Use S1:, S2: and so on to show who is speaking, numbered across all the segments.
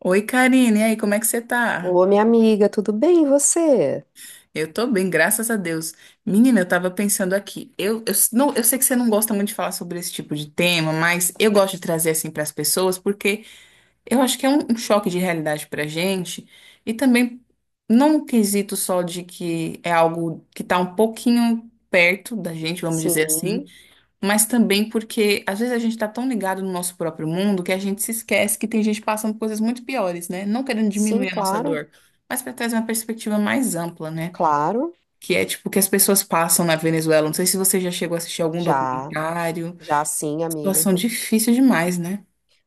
S1: Oi, Karine, e aí, como é que você tá?
S2: Ô, minha amiga, tudo bem, e você?
S1: Eu tô bem, graças a Deus. Menina, eu tava pensando aqui. Não, eu sei que você não gosta muito de falar sobre esse tipo de tema, mas eu gosto de trazer assim para as pessoas, porque eu acho que é um choque de realidade pra gente. E também, não um quesito só de que é algo que tá um pouquinho perto da gente, vamos dizer assim.
S2: Sim,
S1: Mas também porque às vezes a gente está tão ligado no nosso próprio mundo que a gente se esquece que tem gente passando coisas muito piores, né? Não querendo
S2: sim,
S1: diminuir a nossa
S2: claro,
S1: dor, mas para trazer uma perspectiva mais ampla, né?
S2: claro,
S1: Que é tipo o que as pessoas passam na Venezuela. Não sei se você já chegou a assistir algum
S2: já,
S1: documentário.
S2: já sim, amiga.
S1: Situação difícil demais, né?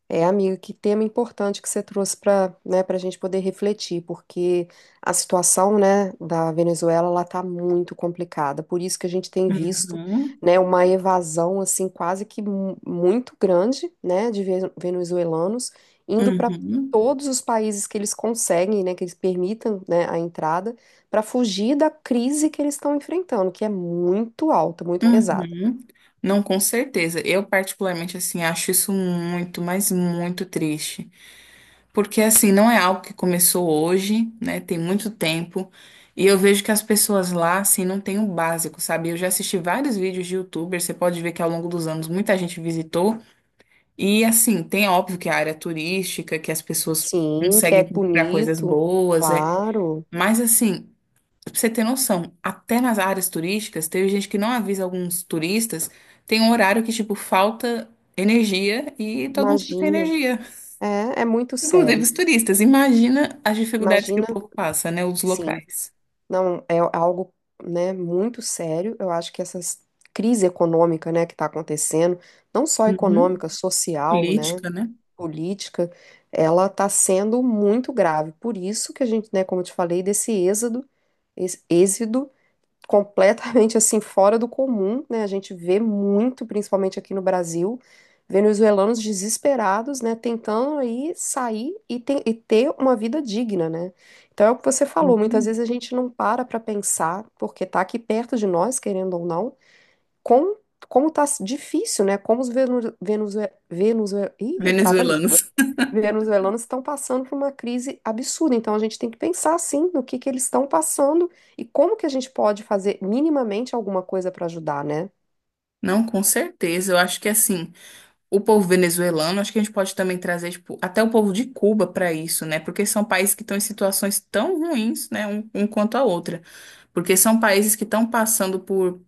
S2: É, amiga, que tema importante que você trouxe para, né, para a gente poder refletir, porque a situação, né, da Venezuela, ela está muito complicada. Por isso que a gente tem visto,
S1: Uhum,
S2: né, uma evasão assim quase que muito grande, né, de venezuelanos indo para
S1: uhum,
S2: todos os países que eles conseguem, né, que eles permitam, né, a entrada, para fugir da crise que eles estão enfrentando, que é muito alta, muito pesada.
S1: uhum. Não, com certeza. Eu particularmente assim acho isso muito, mas muito triste. Porque assim, não é algo que começou hoje, né? Tem muito tempo. E eu vejo que as pessoas lá, assim, não têm o básico, sabe? Eu já assisti vários vídeos de YouTubers, você pode ver que ao longo dos anos muita gente visitou. E assim, tem óbvio que a área turística, que as pessoas
S2: Sim, que é
S1: conseguem comprar coisas
S2: bonito,
S1: boas, é.
S2: claro.
S1: Mas assim, pra você ter noção, até nas áreas turísticas, teve gente que não avisa alguns turistas, tem um horário que, tipo, falta energia e todo mundo fica sem
S2: Imagina.
S1: energia.
S2: É, é muito
S1: Inclusive
S2: sério.
S1: os turistas. Imagina as dificuldades que
S2: Imagina,
S1: o povo passa, né? Os
S2: sim,
S1: locais.
S2: não é algo, né, muito sério. Eu acho que essa crise econômica, né, que está acontecendo, não só
S1: Uhum.
S2: econômica, social, né,
S1: Política, né?
S2: política, ela está sendo muito grave. Por isso que a gente, né, como eu te falei, desse êxodo, êxodo completamente assim fora do comum, né? A gente vê muito, principalmente aqui no Brasil, venezuelanos desesperados, né, tentando aí sair e, e ter uma vida digna, né? Então é o que você falou, muitas
S1: Uhum.
S2: vezes a gente não para para pensar, porque tá aqui perto de nós, querendo ou não, com como tá difícil, né? Como os venezuelanos, ih, trava a língua,
S1: Venezuelanos.
S2: venezuelanos estão passando por uma crise absurda. Então a gente tem que pensar assim no que eles estão passando e como que a gente pode fazer minimamente alguma coisa para ajudar, né?
S1: Não, com certeza. Eu acho que assim, o povo venezuelano, acho que a gente pode também trazer, tipo, até o povo de Cuba para isso, né? Porque são países que estão em situações tão ruins, né, um quanto a outra. Porque são países que estão passando por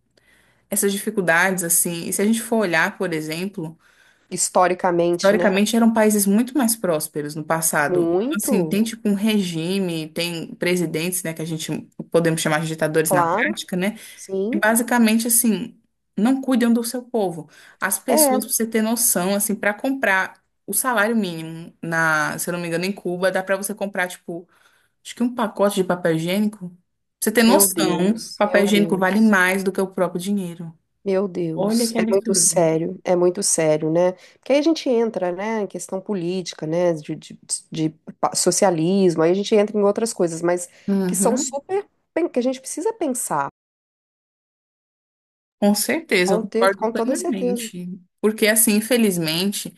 S1: essas dificuldades, assim. E se a gente for olhar, por exemplo.
S2: Historicamente, né?
S1: Historicamente eram países muito mais prósperos no passado. Então, assim,
S2: Muito,
S1: tem tipo um regime, tem presidentes, né, que a gente podemos chamar de ditadores na
S2: claro,
S1: prática, né? Que
S2: sim.
S1: basicamente assim, não cuidam do seu povo. As
S2: É,
S1: pessoas, pra você ter noção, assim, para comprar o salário mínimo na, se eu não me engano, em Cuba, dá para você comprar tipo, acho que um pacote de papel higiênico. Pra você ter
S2: meu
S1: noção,
S2: Deus, meu
S1: papel higiênico vale
S2: Deus.
S1: mais do que o próprio dinheiro.
S2: Meu Deus, é muito sério, né? Porque aí a gente entra, né, em questão política, né, de socialismo, aí a gente entra em outras coisas, mas que são
S1: Uhum.
S2: super, que a gente precisa pensar.
S1: Com certeza, eu
S2: Com texto,
S1: concordo
S2: com toda certeza.
S1: plenamente. Porque, assim, infelizmente,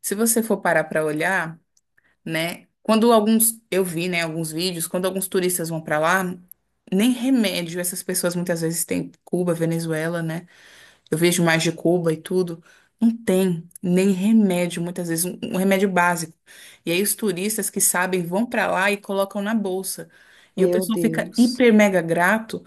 S1: se você for parar para olhar, né, quando alguns, eu vi, né, alguns vídeos, quando alguns turistas vão para lá, nem remédio essas pessoas muitas vezes têm. Cuba, Venezuela, né? Eu vejo mais de Cuba e tudo. Não tem nem remédio, muitas vezes, um remédio básico. E aí os turistas que sabem vão para lá e colocam na bolsa. E o
S2: Meu
S1: pessoal fica
S2: Deus.
S1: hiper mega grato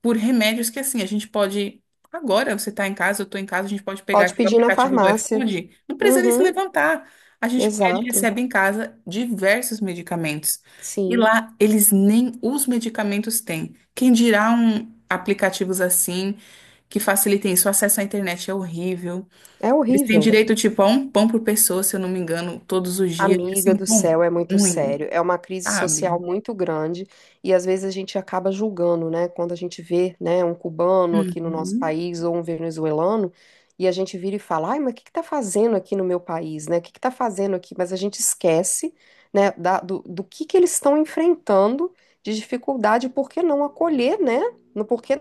S1: por remédios que assim, a gente pode. Agora você está em casa, eu estou em casa, a gente pode pegar
S2: Pode
S1: aqui o
S2: pedir na
S1: aplicativo do
S2: farmácia.
S1: iFood, não precisa nem se
S2: Uhum,
S1: levantar. A gente pede e
S2: exato.
S1: recebe em casa diversos medicamentos. E
S2: Sim.
S1: lá eles nem os medicamentos têm. Quem dirá um aplicativos assim que facilitem isso? O acesso à internet é horrível.
S2: É
S1: Eles têm
S2: horrível.
S1: direito, tipo, a um pão por pessoa, se eu não me engano, todos os dias. Assim,
S2: Amiga
S1: um
S2: do
S1: pão
S2: céu, é muito
S1: ruim,
S2: sério. É uma crise social
S1: sabe?
S2: muito grande e às vezes a gente acaba julgando, né? Quando a gente vê, né, um cubano aqui no nosso
S1: Uhum.
S2: país ou um venezuelano e a gente vira e fala, ai, mas o que que tá fazendo aqui no meu país, né? O que que tá fazendo aqui? Mas a gente esquece, né, do, do que eles estão enfrentando de dificuldade, por que não acolher, né? No porquê.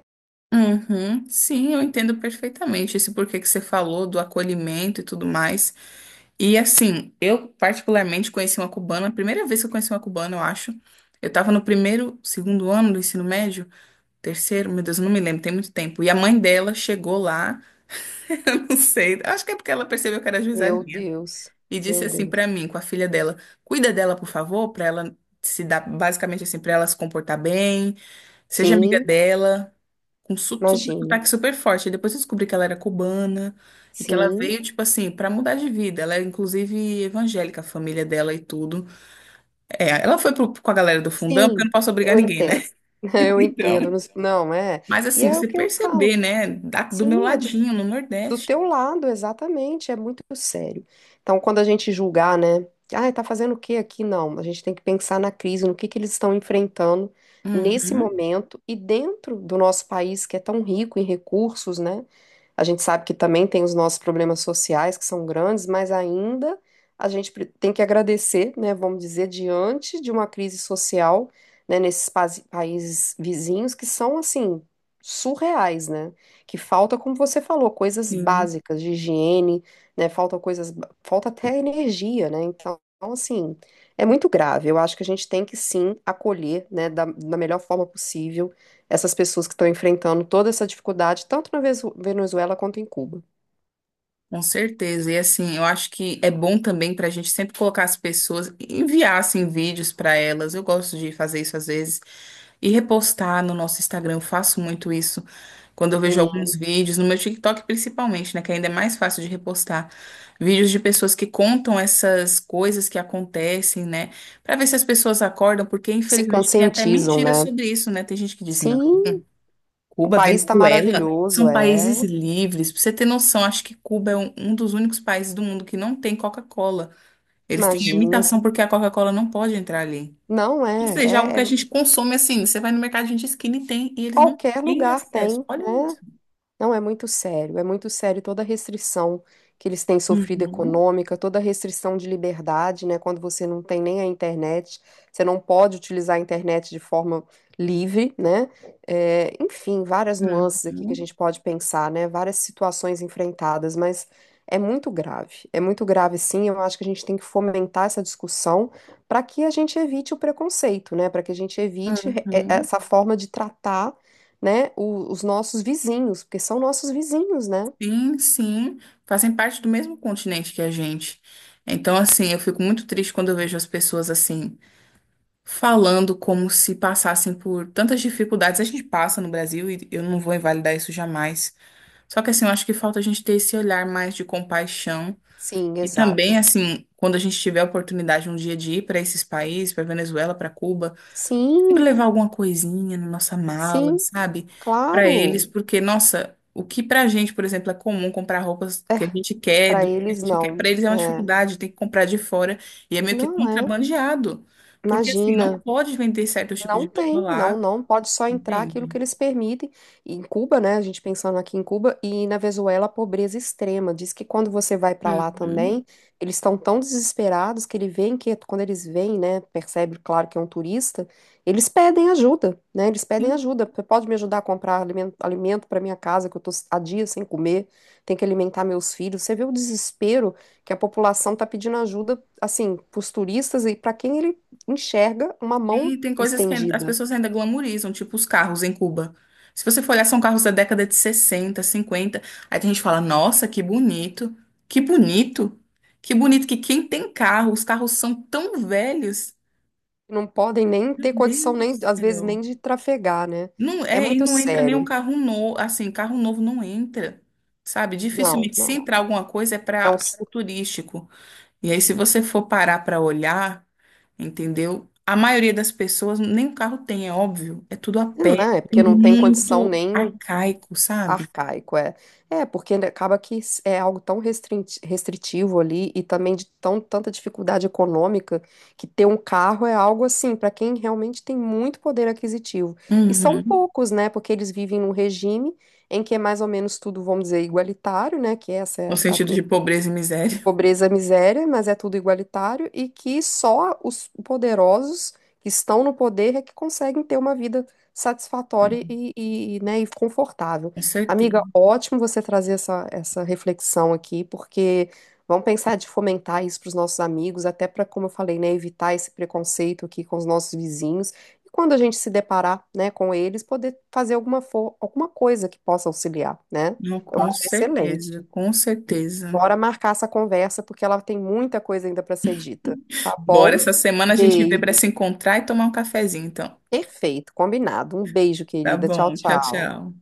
S1: Uhum, sim, eu entendo perfeitamente esse porquê que você falou do acolhimento e tudo mais. E assim, eu particularmente conheci uma cubana, a primeira vez que eu conheci uma cubana, eu acho. Eu tava no primeiro, segundo ano do ensino médio, terceiro, meu Deus, eu não me lembro, tem muito tempo. E a mãe dela chegou lá, eu não sei, acho que é porque ela percebeu que era
S2: Meu
S1: juizadinha,
S2: Deus,
S1: e
S2: meu
S1: disse assim
S2: Deus.
S1: pra mim, com a filha dela: "Cuida dela, por favor, pra ela se dar, basicamente assim, pra ela se comportar bem, seja amiga
S2: Sim,
S1: dela" com super
S2: imagina.
S1: sotaque super forte. E depois eu descobri que ela era cubana e que ela
S2: Sim.
S1: veio, tipo assim, pra mudar de vida. Ela é, inclusive, evangélica, a família dela e tudo. É, ela foi com a galera do fundão, porque eu
S2: Sim,
S1: não posso obrigar
S2: eu
S1: ninguém, né?
S2: entendo. Eu entendo.
S1: Então.
S2: Não, é.
S1: Mas
S2: E
S1: assim,
S2: é o
S1: você
S2: que eu
S1: perceber,
S2: falo.
S1: né? Do meu
S2: Sim, é
S1: ladinho, no
S2: do
S1: Nordeste.
S2: teu lado, exatamente, é muito sério. Então, quando a gente julgar, né? Ah, tá fazendo o que aqui? Não, a gente tem que pensar na crise, no que eles estão enfrentando nesse
S1: Uhum,
S2: momento e dentro do nosso país, que é tão rico em recursos, né? A gente sabe que também tem os nossos problemas sociais, que são grandes, mas ainda a gente tem que agradecer, né? Vamos dizer, diante de uma crise social, né, nesses países vizinhos que são, assim, surreais, né? Que falta, como você falou, coisas
S1: sim.
S2: básicas de higiene, né? Falta coisas, falta até energia, né? Então, assim, é muito grave. Eu acho que a gente tem que sim acolher, né, da melhor forma possível essas pessoas que estão enfrentando toda essa dificuldade, tanto na Venezuela quanto em Cuba.
S1: Com certeza. E assim, eu acho que é bom também para a gente sempre colocar as pessoas, enviar assim, vídeos para elas. Eu gosto de fazer isso às vezes e repostar no nosso Instagram. Eu faço muito isso quando eu vejo
S2: Sim,
S1: alguns vídeos, no meu TikTok principalmente, né? Que ainda é mais fácil de repostar. Vídeos de pessoas que contam essas coisas que acontecem, né? Para ver se as pessoas acordam, porque
S2: se
S1: infelizmente tem até
S2: conscientizam,
S1: mentira
S2: né?
S1: sobre isso, né? Tem gente que diz, não.
S2: Sim, o
S1: Cuba,
S2: país está
S1: Venezuela,
S2: maravilhoso,
S1: são
S2: é.
S1: países livres. Pra você ter noção, acho que Cuba é um dos únicos países do mundo que não tem Coca-Cola. Eles têm
S2: Imagina.
S1: limitação porque a Coca-Cola não pode entrar ali.
S2: Não
S1: Ou
S2: é,
S1: seja, é algo que
S2: é.
S1: a gente consome assim. Você vai no mercado de esquina e tem, e eles não
S2: Qualquer
S1: têm
S2: lugar
S1: acesso.
S2: tem,
S1: Olha isso.
S2: né? Não, é muito sério toda a restrição que eles têm sofrido
S1: Uhum,
S2: econômica, toda a restrição de liberdade, né? Quando você não tem nem a internet, você não pode utilizar a internet de forma livre, né? É, enfim, várias nuances aqui que a
S1: uhum,
S2: gente pode pensar, né? Várias situações enfrentadas, mas é muito grave sim. Eu acho que a gente tem que fomentar essa discussão para que a gente evite o preconceito, né? Para que a gente evite
S1: uhum.
S2: essa forma de tratar, né, os nossos vizinhos, porque são nossos vizinhos, né?
S1: Sim, sim. Fazem parte do mesmo continente que a gente. Então, assim, eu fico muito triste quando eu vejo as pessoas assim falando como se passassem por tantas dificuldades. A gente passa no Brasil e eu não vou invalidar isso jamais. Só que assim, eu acho que falta a gente ter esse olhar mais de compaixão.
S2: Sim,
S1: E
S2: exato.
S1: também, assim, quando a gente tiver a oportunidade um dia de ir para esses países, para Venezuela, para Cuba, sempre
S2: Sim,
S1: levar alguma coisinha na nossa mala,
S2: sim,
S1: sabe? Pra eles,
S2: claro.
S1: porque, nossa, o que pra gente, por exemplo, é comum comprar roupas que a gente quer,
S2: Para
S1: do jeito
S2: eles
S1: que a gente quer,
S2: não.
S1: pra eles é uma
S2: É,
S1: dificuldade, tem que comprar de fora e é meio que
S2: não é.
S1: contrabandeado. Porque assim, não
S2: Imagina.
S1: pode vender certos tipos
S2: Não
S1: de roupa
S2: tem, não,
S1: lá,
S2: não. Pode só entrar aquilo
S1: entende?
S2: que eles permitem. E em Cuba, né? A gente pensando aqui em Cuba e na Venezuela, a pobreza extrema. Diz que quando você vai para lá
S1: Uhum.
S2: também, eles estão tão desesperados que ele vem que quando eles vêm, né? Percebe, claro, que é um turista, eles pedem ajuda, né? Eles pedem ajuda. Você pode me ajudar a comprar alimento, alimento para minha casa, que eu tô há dias sem comer, tenho que alimentar meus filhos. Você vê o desespero que a população tá pedindo ajuda, assim, para os turistas e para quem ele enxerga uma mão
S1: E tem coisas que as
S2: estendida.
S1: pessoas ainda glamorizam, tipo os carros em Cuba. Se você for olhar, são carros da década de 60, 50. Aí tem gente que fala, nossa, que bonito, que bonito, que bonito que quem tem carro, os carros são tão velhos.
S2: Não podem nem
S1: Meu
S2: ter condição,
S1: Deus do
S2: nem, às vezes, nem
S1: céu.
S2: de trafegar, né?
S1: Não,
S2: É
S1: é, e
S2: muito
S1: não entra nenhum
S2: sério.
S1: carro novo, assim, carro novo não entra, sabe?
S2: Não,
S1: Dificilmente, se
S2: não.
S1: entrar alguma coisa é
S2: É
S1: para
S2: um,
S1: algo turístico. E aí, se você for parar para olhar, entendeu? A maioria das pessoas nem um carro tem, é óbvio. É tudo a
S2: não,
S1: pé,
S2: é porque
S1: tudo
S2: não tem condição
S1: muito
S2: nem
S1: arcaico, sabe?
S2: arcaico, é. É, porque acaba que é algo tão restritivo ali e também de tão, tanta dificuldade econômica que ter um carro é algo assim, para quem realmente tem muito poder aquisitivo. E são
S1: Uhum.
S2: poucos, né? Porque eles vivem num regime em que é mais ou menos tudo, vamos dizer, igualitário, né? Que essa
S1: No
S2: é a
S1: sentido de pobreza e
S2: de
S1: miséria,
S2: pobreza, miséria, mas é tudo igualitário e que só os poderosos que estão no poder é que conseguem ter uma vida satisfatória e, né, e confortável.
S1: com
S2: Amiga,
S1: certeza.
S2: ótimo você trazer essa reflexão aqui, porque vamos pensar de fomentar isso para os nossos amigos, até para, como eu falei, né, evitar esse preconceito aqui com os nossos vizinhos. E quando a gente se deparar, né, com eles, poder fazer alguma, alguma coisa que possa auxiliar, né?
S1: Não,
S2: Eu
S1: com
S2: acho
S1: certeza,
S2: excelente.
S1: com certeza.
S2: Bora marcar essa conversa, porque ela tem muita coisa ainda para ser dita. Tá
S1: Bora,
S2: bom?
S1: essa semana a gente vê para
S2: Beijo.
S1: se encontrar e tomar um cafezinho, então.
S2: Perfeito, combinado. Um beijo,
S1: Tá
S2: querida. Tchau,
S1: bom, tchau,
S2: tchau.
S1: tchau.